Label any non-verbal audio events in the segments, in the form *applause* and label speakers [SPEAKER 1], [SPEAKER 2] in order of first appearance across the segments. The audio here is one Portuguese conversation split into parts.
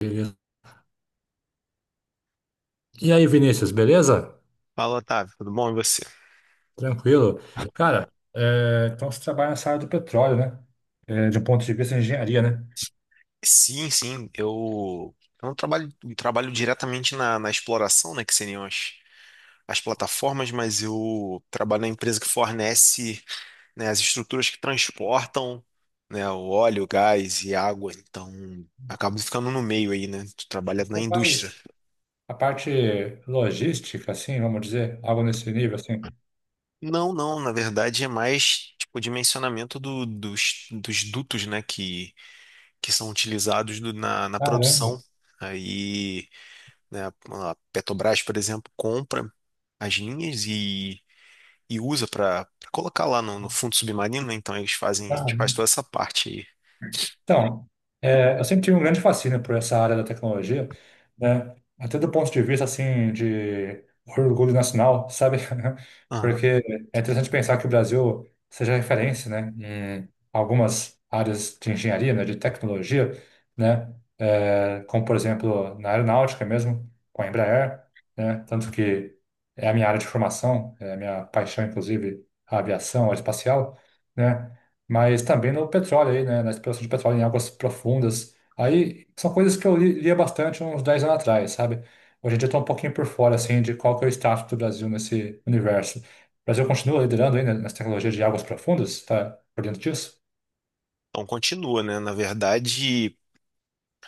[SPEAKER 1] Beleza. E aí, Vinícius, beleza?
[SPEAKER 2] Fala, Otávio, tudo bom? E você?
[SPEAKER 1] Tranquilo. Cara, é, então você trabalha nessa área do petróleo, né? É, de um ponto de vista de engenharia, né?
[SPEAKER 2] Sim, sim, eu, eu não trabalho, trabalho diretamente na exploração, né, que seriam as plataformas, mas eu trabalho na empresa que fornece, né, as estruturas que transportam, né, o óleo, o gás e a água, então acabo ficando no meio aí, né, tu trabalha na
[SPEAKER 1] Você
[SPEAKER 2] indústria.
[SPEAKER 1] faz a parte logística, assim, vamos dizer, algo nesse nível, assim.
[SPEAKER 2] Não, não, na verdade é mais, tipo, o dimensionamento dos dutos, né, que são utilizados na
[SPEAKER 1] Caramba.
[SPEAKER 2] produção, aí... né? A Petrobras, por exemplo, compra as linhas e usa para colocar lá no fundo submarino, né? Então eles fazem, a gente faz toda essa parte aí.
[SPEAKER 1] Então, é, eu sempre tive um grande fascínio por essa área da tecnologia, né? Até do ponto de vista, assim, de orgulho nacional, sabe? *laughs*
[SPEAKER 2] Aham.
[SPEAKER 1] Porque é interessante pensar que o Brasil seja referência, né? Em algumas áreas de engenharia, né? De tecnologia, né? É, como, por exemplo, na aeronáutica mesmo, com a Embraer, né? Tanto que é a minha área de formação, é a minha paixão, inclusive, a aviação, a aeroespacial, né? Mas também no petróleo aí, né, na exploração de petróleo em águas profundas. Aí são coisas que eu lia bastante uns 10 anos atrás, sabe? Hoje em dia eu tô um pouquinho por fora, assim, de qual que é o status do Brasil nesse universo. O Brasil continua liderando ainda nas tecnologias de águas profundas? Tá por dentro disso?
[SPEAKER 2] Então continua, né? Na verdade,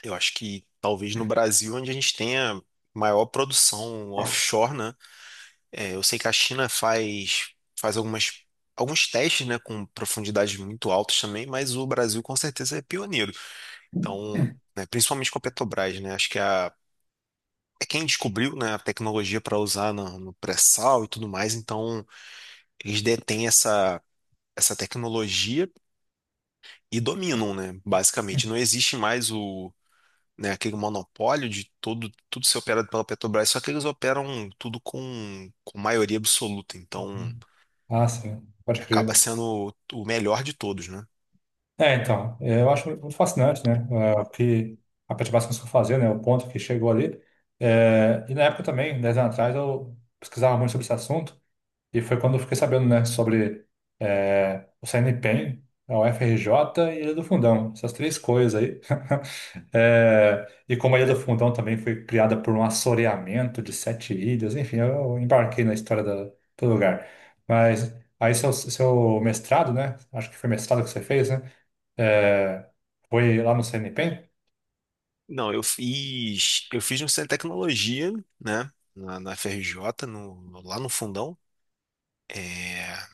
[SPEAKER 2] eu acho que talvez no Brasil, onde a gente tenha maior produção offshore, né? É, eu sei que a China faz algumas, alguns testes, né? Com profundidades muito altas também, mas o Brasil com certeza é pioneiro. Então, né, principalmente com a Petrobras, né? Acho que a é quem descobriu, né, a tecnologia para usar no pré-sal e tudo mais, então eles detêm essa tecnologia e dominam, né, basicamente. Não existe mais o, né, aquele monopólio de todo, tudo ser operado pela Petrobras, só que eles operam tudo com maioria absoluta, então
[SPEAKER 1] Ah, sim, pode
[SPEAKER 2] acaba
[SPEAKER 1] crer.
[SPEAKER 2] sendo o melhor de todos, né?
[SPEAKER 1] É, então, é, eu acho muito fascinante, né? É, o que a Petrobras conseguiu fazer, né? O ponto que chegou ali. É, e na época também, 10 anos atrás, eu pesquisava muito sobre esse assunto. E foi quando eu fiquei sabendo, né, sobre o CNPq, a UFRJ e a Ilha do Fundão, essas três coisas aí. *laughs* Eh, e como a Ilha do Fundão também foi criada por um assoreamento de sete ilhas, enfim, eu embarquei na história do lugar. Mas aí seu mestrado, né, acho que foi mestrado que você fez, né, eh, foi lá no CNPq?
[SPEAKER 2] Não, eu fiz no Centro de Tecnologia, né, na FRJ, no- lá no Fundão. É,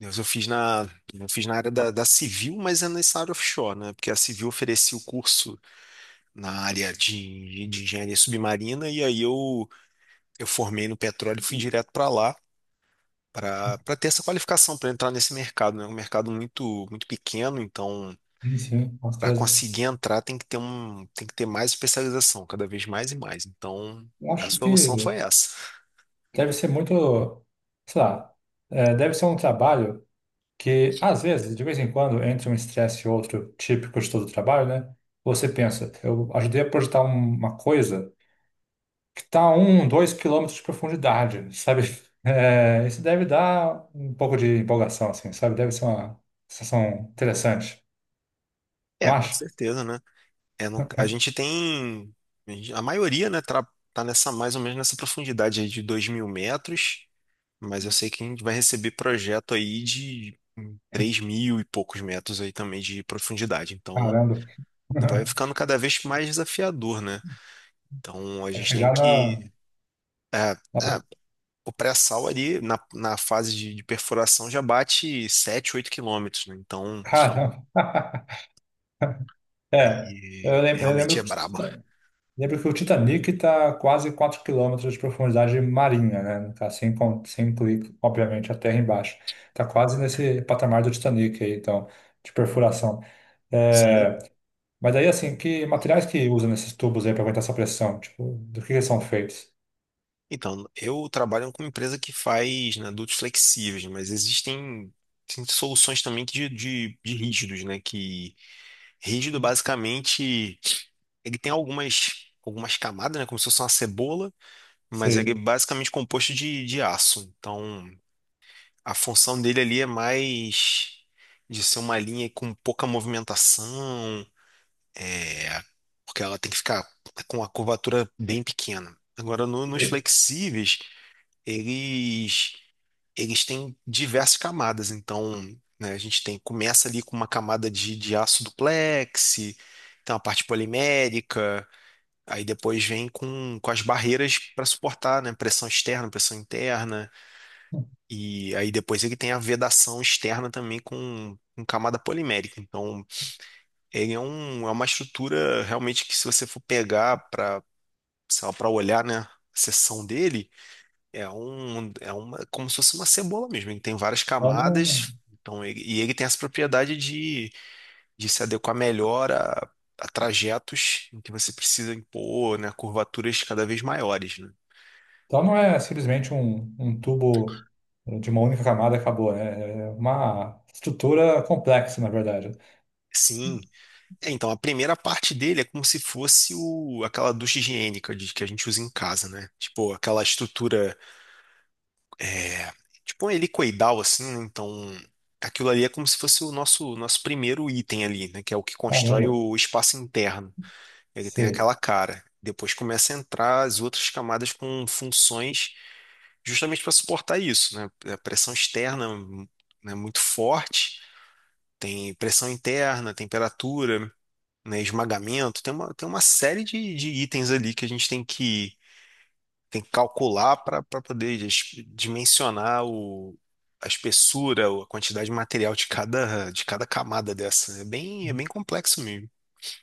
[SPEAKER 2] Deus, eu fiz na área da civil, mas é nessa área offshore, né? Porque a civil oferecia o curso na área de engenharia submarina, e aí eu formei no petróleo e fui direto para lá, para ter essa qualificação, para entrar nesse mercado, né? É um mercado muito pequeno, então
[SPEAKER 1] Sim, sim, com
[SPEAKER 2] para
[SPEAKER 1] certeza.
[SPEAKER 2] conseguir entrar tem que ter um, tem que ter mais especialização, cada vez mais e mais. Então
[SPEAKER 1] Eu
[SPEAKER 2] a
[SPEAKER 1] acho
[SPEAKER 2] solução
[SPEAKER 1] que
[SPEAKER 2] foi essa.
[SPEAKER 1] deve ser muito, sei lá, deve ser um trabalho que às vezes, de vez em quando, entre um estresse e outro, típico de todo trabalho, né? Você pensa, eu ajudei a projetar uma coisa que está a 1, 2 quilômetros de profundidade, sabe? *laughs* É, isso deve dar um pouco de empolgação, assim, sabe? Deve ser uma sensação interessante, não
[SPEAKER 2] É, com
[SPEAKER 1] acha?
[SPEAKER 2] certeza, né? É no- a gente
[SPEAKER 1] *laughs*
[SPEAKER 2] tem, a maioria, né, tra- tá, nessa mais ou menos nessa profundidade aí de 2 mil metros, mas eu sei que a gente vai receber projeto aí de 3 mil e poucos metros aí também de profundidade. Então,
[SPEAKER 1] Caramba.
[SPEAKER 2] vai
[SPEAKER 1] *laughs*
[SPEAKER 2] ficando cada vez mais desafiador, né? Então, a
[SPEAKER 1] Vai
[SPEAKER 2] gente tem
[SPEAKER 1] chegar na,
[SPEAKER 2] que... é,
[SPEAKER 1] na.
[SPEAKER 2] é, o pré-sal ali, na fase de perfuração, já bate 7 8 quilômetros, né? Então,
[SPEAKER 1] Caramba. *laughs* É,
[SPEAKER 2] e
[SPEAKER 1] eu lembro,
[SPEAKER 2] realmente é
[SPEAKER 1] que
[SPEAKER 2] brabo.
[SPEAKER 1] lembro que o Titanic está quase 4 quilômetros de profundidade marinha, né? Não, tá sem, sem incluir, obviamente, a terra embaixo. Está quase nesse patamar do Titanic aí, então, de perfuração. É, mas aí, assim, que materiais que usam nesses tubos aí para aguentar essa pressão? Tipo, do que eles são feitos?
[SPEAKER 2] Então, eu trabalho com uma empresa que faz, né, adultos flexíveis, mas existem, tem soluções também que de rígidos, né? Que rígido, basicamente, ele tem algumas camadas, né? Como se fosse uma cebola, mas ele é
[SPEAKER 1] Se,
[SPEAKER 2] basicamente composto de aço. Então, a função dele ali é mais de ser uma linha com pouca movimentação, é, porque ela tem que ficar com a curvatura bem pequena. Agora, no- nos
[SPEAKER 1] se-
[SPEAKER 2] flexíveis, eles eles têm diversas camadas. Então, né, a gente tem, começa ali com uma camada de aço duplex, então a parte polimérica, aí depois vem com as barreiras para suportar, né, pressão externa, pressão interna, e aí depois ele tem a vedação externa também com camada polimérica. Então, ele é, um, é uma estrutura realmente que se você for pegar para, sei lá, para olhar, né, a seção dele é um, é uma, como se fosse uma cebola mesmo. Ele tem várias
[SPEAKER 1] então, não,
[SPEAKER 2] camadas, então ele- e ele tem essa propriedade de se adequar melhor a trajetos em que você precisa impor, né, curvaturas cada vez maiores, né?
[SPEAKER 1] então não é simplesmente um, um tubo de uma única camada e acabou, né? É uma estrutura complexa, na verdade.
[SPEAKER 2] Sim. É, então a primeira parte dele é como se fosse o, aquela ducha higiênica de, que a gente usa em casa, né? Tipo aquela estrutura, é, tipo um helicoidal assim, né? Então aquilo ali é como se fosse o nosso primeiro item ali, né? Que é o que constrói
[SPEAKER 1] Caramba,
[SPEAKER 2] o espaço interno. Ele tem
[SPEAKER 1] sei.
[SPEAKER 2] aquela cara. Depois começa a entrar as outras camadas com funções justamente para suportar isso, né? A pressão externa é muito forte, tem pressão interna, temperatura, né? Esmagamento, tem uma série de itens ali que a gente tem tem que calcular para poder dis- dimensionar o, a espessura, ou a quantidade de material de de cada camada dessa. É bem complexo mesmo.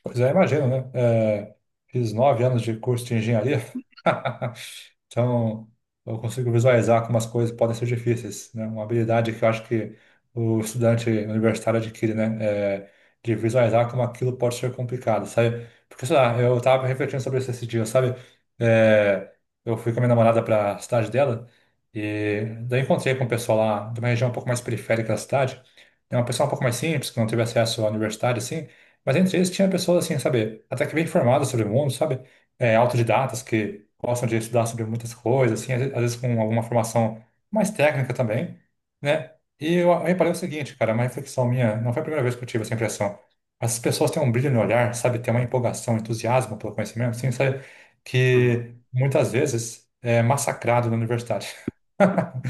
[SPEAKER 1] Pois é, imagino, né? É, fiz 9 anos de curso de engenharia, *laughs* então eu consigo visualizar como as coisas podem ser difíceis, né? Uma habilidade que eu acho que o estudante universitário adquire, né? É, de visualizar como aquilo pode ser complicado, sabe? Porque, sei lá, eu tava refletindo sobre isso esse dia, sabe? É, eu fui com a minha namorada para a cidade dela e daí encontrei com o pessoal lá de uma região um pouco mais periférica da cidade, né? Uma pessoa um pouco mais simples, que não teve acesso à universidade, assim, mas entre eles tinha pessoas assim, sabe, até que bem informadas sobre o mundo, sabe? É, autodidatas que gostam de estudar sobre muitas coisas, assim, às vezes com alguma formação mais técnica também, né? E eu reparei o seguinte, cara, é uma reflexão minha, não foi a primeira vez que eu tive essa impressão. Essas pessoas têm um brilho no olhar, sabe? Tem uma empolgação, entusiasmo pelo conhecimento, assim, sabe?
[SPEAKER 2] Hum,
[SPEAKER 1] Que muitas vezes é massacrado na universidade. *laughs*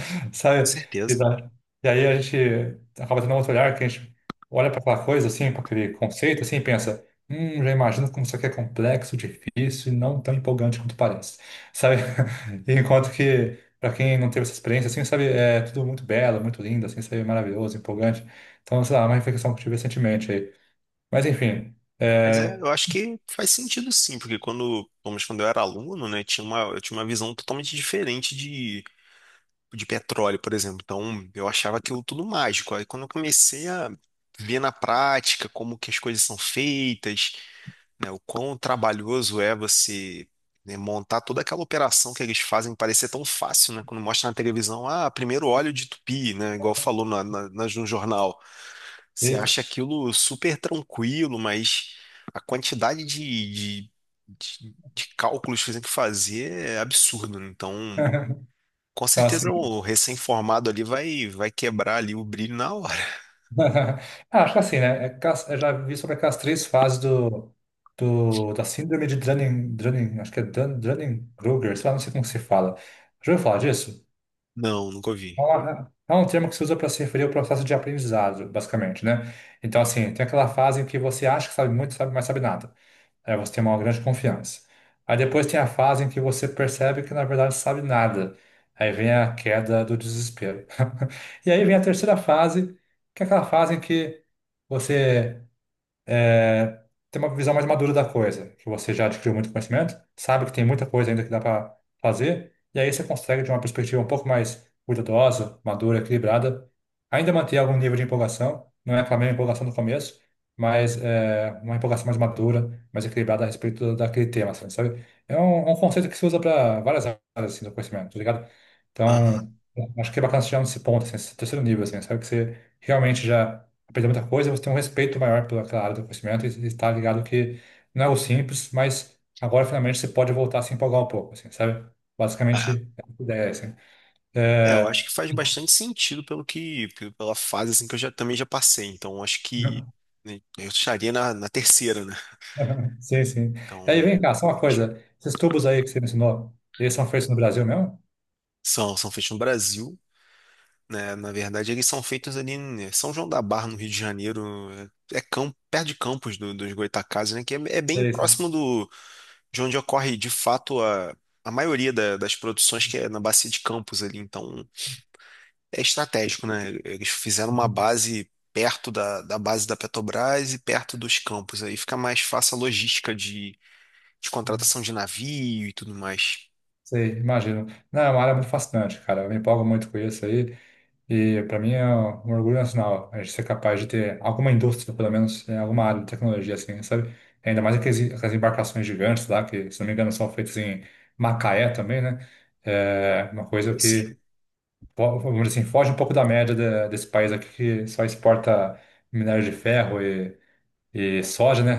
[SPEAKER 2] com
[SPEAKER 1] Sabe? E,
[SPEAKER 2] certeza.
[SPEAKER 1] da, e aí a gente acaba tendo outro olhar, que a gente olha para aquela coisa, assim, para aquele conceito, assim, e pensa, já imagino como isso aqui é complexo, difícil e não tão empolgante quanto parece, sabe? *laughs* Enquanto que, para quem não teve essa experiência, assim, sabe, é tudo muito belo, muito lindo, assim, sabe, maravilhoso, empolgante. Então, sei lá, é uma reflexão que eu tive recentemente aí. Mas, enfim,
[SPEAKER 2] Mas é, eu acho que faz sentido sim, porque quando, pelo menos quando eu era aluno, né, tinha uma, eu tinha uma visão totalmente diferente de petróleo, por exemplo. Então, eu achava aquilo tudo mágico. Aí quando eu comecei a ver na prática como que as coisas são feitas, né, o quão trabalhoso é você, né, montar toda aquela operação que eles fazem parecer tão fácil, né? Quando mostra na televisão, ah, primeiro óleo de tupi, né, igual falou no jornal. Você
[SPEAKER 1] eita.
[SPEAKER 2] acha aquilo super tranquilo, mas a quantidade de cálculos que você tem que fazer é absurdo, né? Então,
[SPEAKER 1] *laughs*
[SPEAKER 2] com
[SPEAKER 1] Então, assim,
[SPEAKER 2] certeza o recém-formado ali vai, vai quebrar ali o brilho na hora.
[SPEAKER 1] *laughs* ah, acho que assim, né? Eu já vi sobre aquelas três fases da síndrome de Dunning, acho que é Dunning-Kruger, sei lá, não sei como se fala. Já ouviu falar disso?
[SPEAKER 2] *laughs* Não, nunca ouvi.
[SPEAKER 1] É um termo que se usa para se referir ao processo de aprendizado, basicamente, né? Então, assim, tem aquela fase em que você acha que sabe muito, sabe, mas sabe nada. Aí você tem uma grande confiança. Aí depois tem a fase em que você percebe que na verdade sabe nada. Aí vem a queda do desespero. *laughs* E aí vem a terceira fase, que é aquela fase em que você é, ter uma visão mais madura da coisa, que você já adquiriu muito conhecimento, sabe que tem muita coisa ainda que dá para fazer, e aí você consegue, de uma perspectiva um pouco mais cuidadosa, madura, equilibrada, ainda manter algum nível de empolgação, não é aquela mesma empolgação do começo, mas é uma empolgação mais madura, mais equilibrada a respeito daquele tema, assim, sabe? É um conceito que se usa para várias áreas assim, do conhecimento, tá ligado?
[SPEAKER 2] Aham.
[SPEAKER 1] Então, acho que é bacana chegar nesse ponto, assim, esse terceiro nível, assim, sabe? Que você realmente já aprender muita coisa, você tem um respeito maior pelaquela área do conhecimento e está ligado que não é o simples, mas agora finalmente você pode voltar a se empolgar um pouco, assim, sabe?
[SPEAKER 2] É,
[SPEAKER 1] Basicamente, é a ideia, assim.
[SPEAKER 2] é, eu acho
[SPEAKER 1] É...
[SPEAKER 2] que faz bastante sentido pelo que, pe- pela fase assim que eu já também já passei. Então, eu acho que
[SPEAKER 1] não-
[SPEAKER 2] né, eu estaria na terceira, né?
[SPEAKER 1] *laughs* Sim, sim. E aí,
[SPEAKER 2] Então,
[SPEAKER 1] vem cá, só uma coisa. Esses tubos aí que você mencionou, eles são feitos no Brasil mesmo?
[SPEAKER 2] são, são feitos no Brasil, né? Na verdade, eles são feitos ali em São João da Barra, no Rio de Janeiro. É campo, perto de Campos do, dos Goytacazes, né? Que é, é bem
[SPEAKER 1] Sei, sim.
[SPEAKER 2] próximo do, de onde ocorre, de fato, a maioria da- das produções, que é na Bacia de Campos ali. Então, é estratégico, né? Eles fizeram uma
[SPEAKER 1] Uhum.
[SPEAKER 2] base perto da base da Petrobras e perto dos campos. Aí fica mais fácil a logística de contratação de navio e tudo mais.
[SPEAKER 1] Sei, imagino. Não, é uma área muito fascinante, cara. Eu me empolgo muito com isso aí. E para mim é um orgulho nacional a gente ser capaz de ter alguma indústria, pelo menos, em alguma área de tecnologia, assim, sabe? Ainda mais aquelas embarcações gigantes lá, que, se não me engano, são feitas em Macaé também, né? É uma coisa que,
[SPEAKER 2] Sim,
[SPEAKER 1] vamos dizer assim, foge um pouco da média desse país aqui que só exporta minério de ferro e soja, né?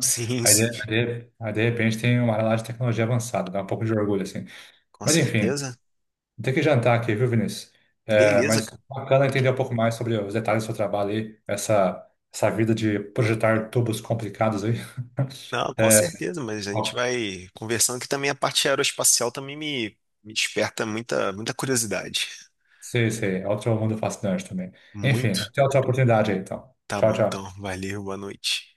[SPEAKER 2] *laughs* sim,
[SPEAKER 1] Aí de,
[SPEAKER 2] sim.
[SPEAKER 1] aí de aí, de repente tem uma área lá de tecnologia avançada, dá um pouco de orgulho, assim.
[SPEAKER 2] Com
[SPEAKER 1] Mas enfim.
[SPEAKER 2] certeza.
[SPEAKER 1] Tem que jantar aqui, viu, Vinícius? É,
[SPEAKER 2] Beleza,
[SPEAKER 1] mas
[SPEAKER 2] cara.
[SPEAKER 1] bacana entender um pouco mais sobre os detalhes do seu trabalho aí, essa vida de projetar tubos complicados aí. *laughs*
[SPEAKER 2] Não, com
[SPEAKER 1] É,
[SPEAKER 2] certeza, mas a gente
[SPEAKER 1] ó,
[SPEAKER 2] vai conversando que também a parte aeroespacial também me desperta muita curiosidade.
[SPEAKER 1] sei, é outro mundo fascinante também. Enfim,
[SPEAKER 2] Muito.
[SPEAKER 1] até outra oportunidade aí, então.
[SPEAKER 2] Tá
[SPEAKER 1] Tchau,
[SPEAKER 2] bom,
[SPEAKER 1] tchau.
[SPEAKER 2] então. Valeu, boa noite.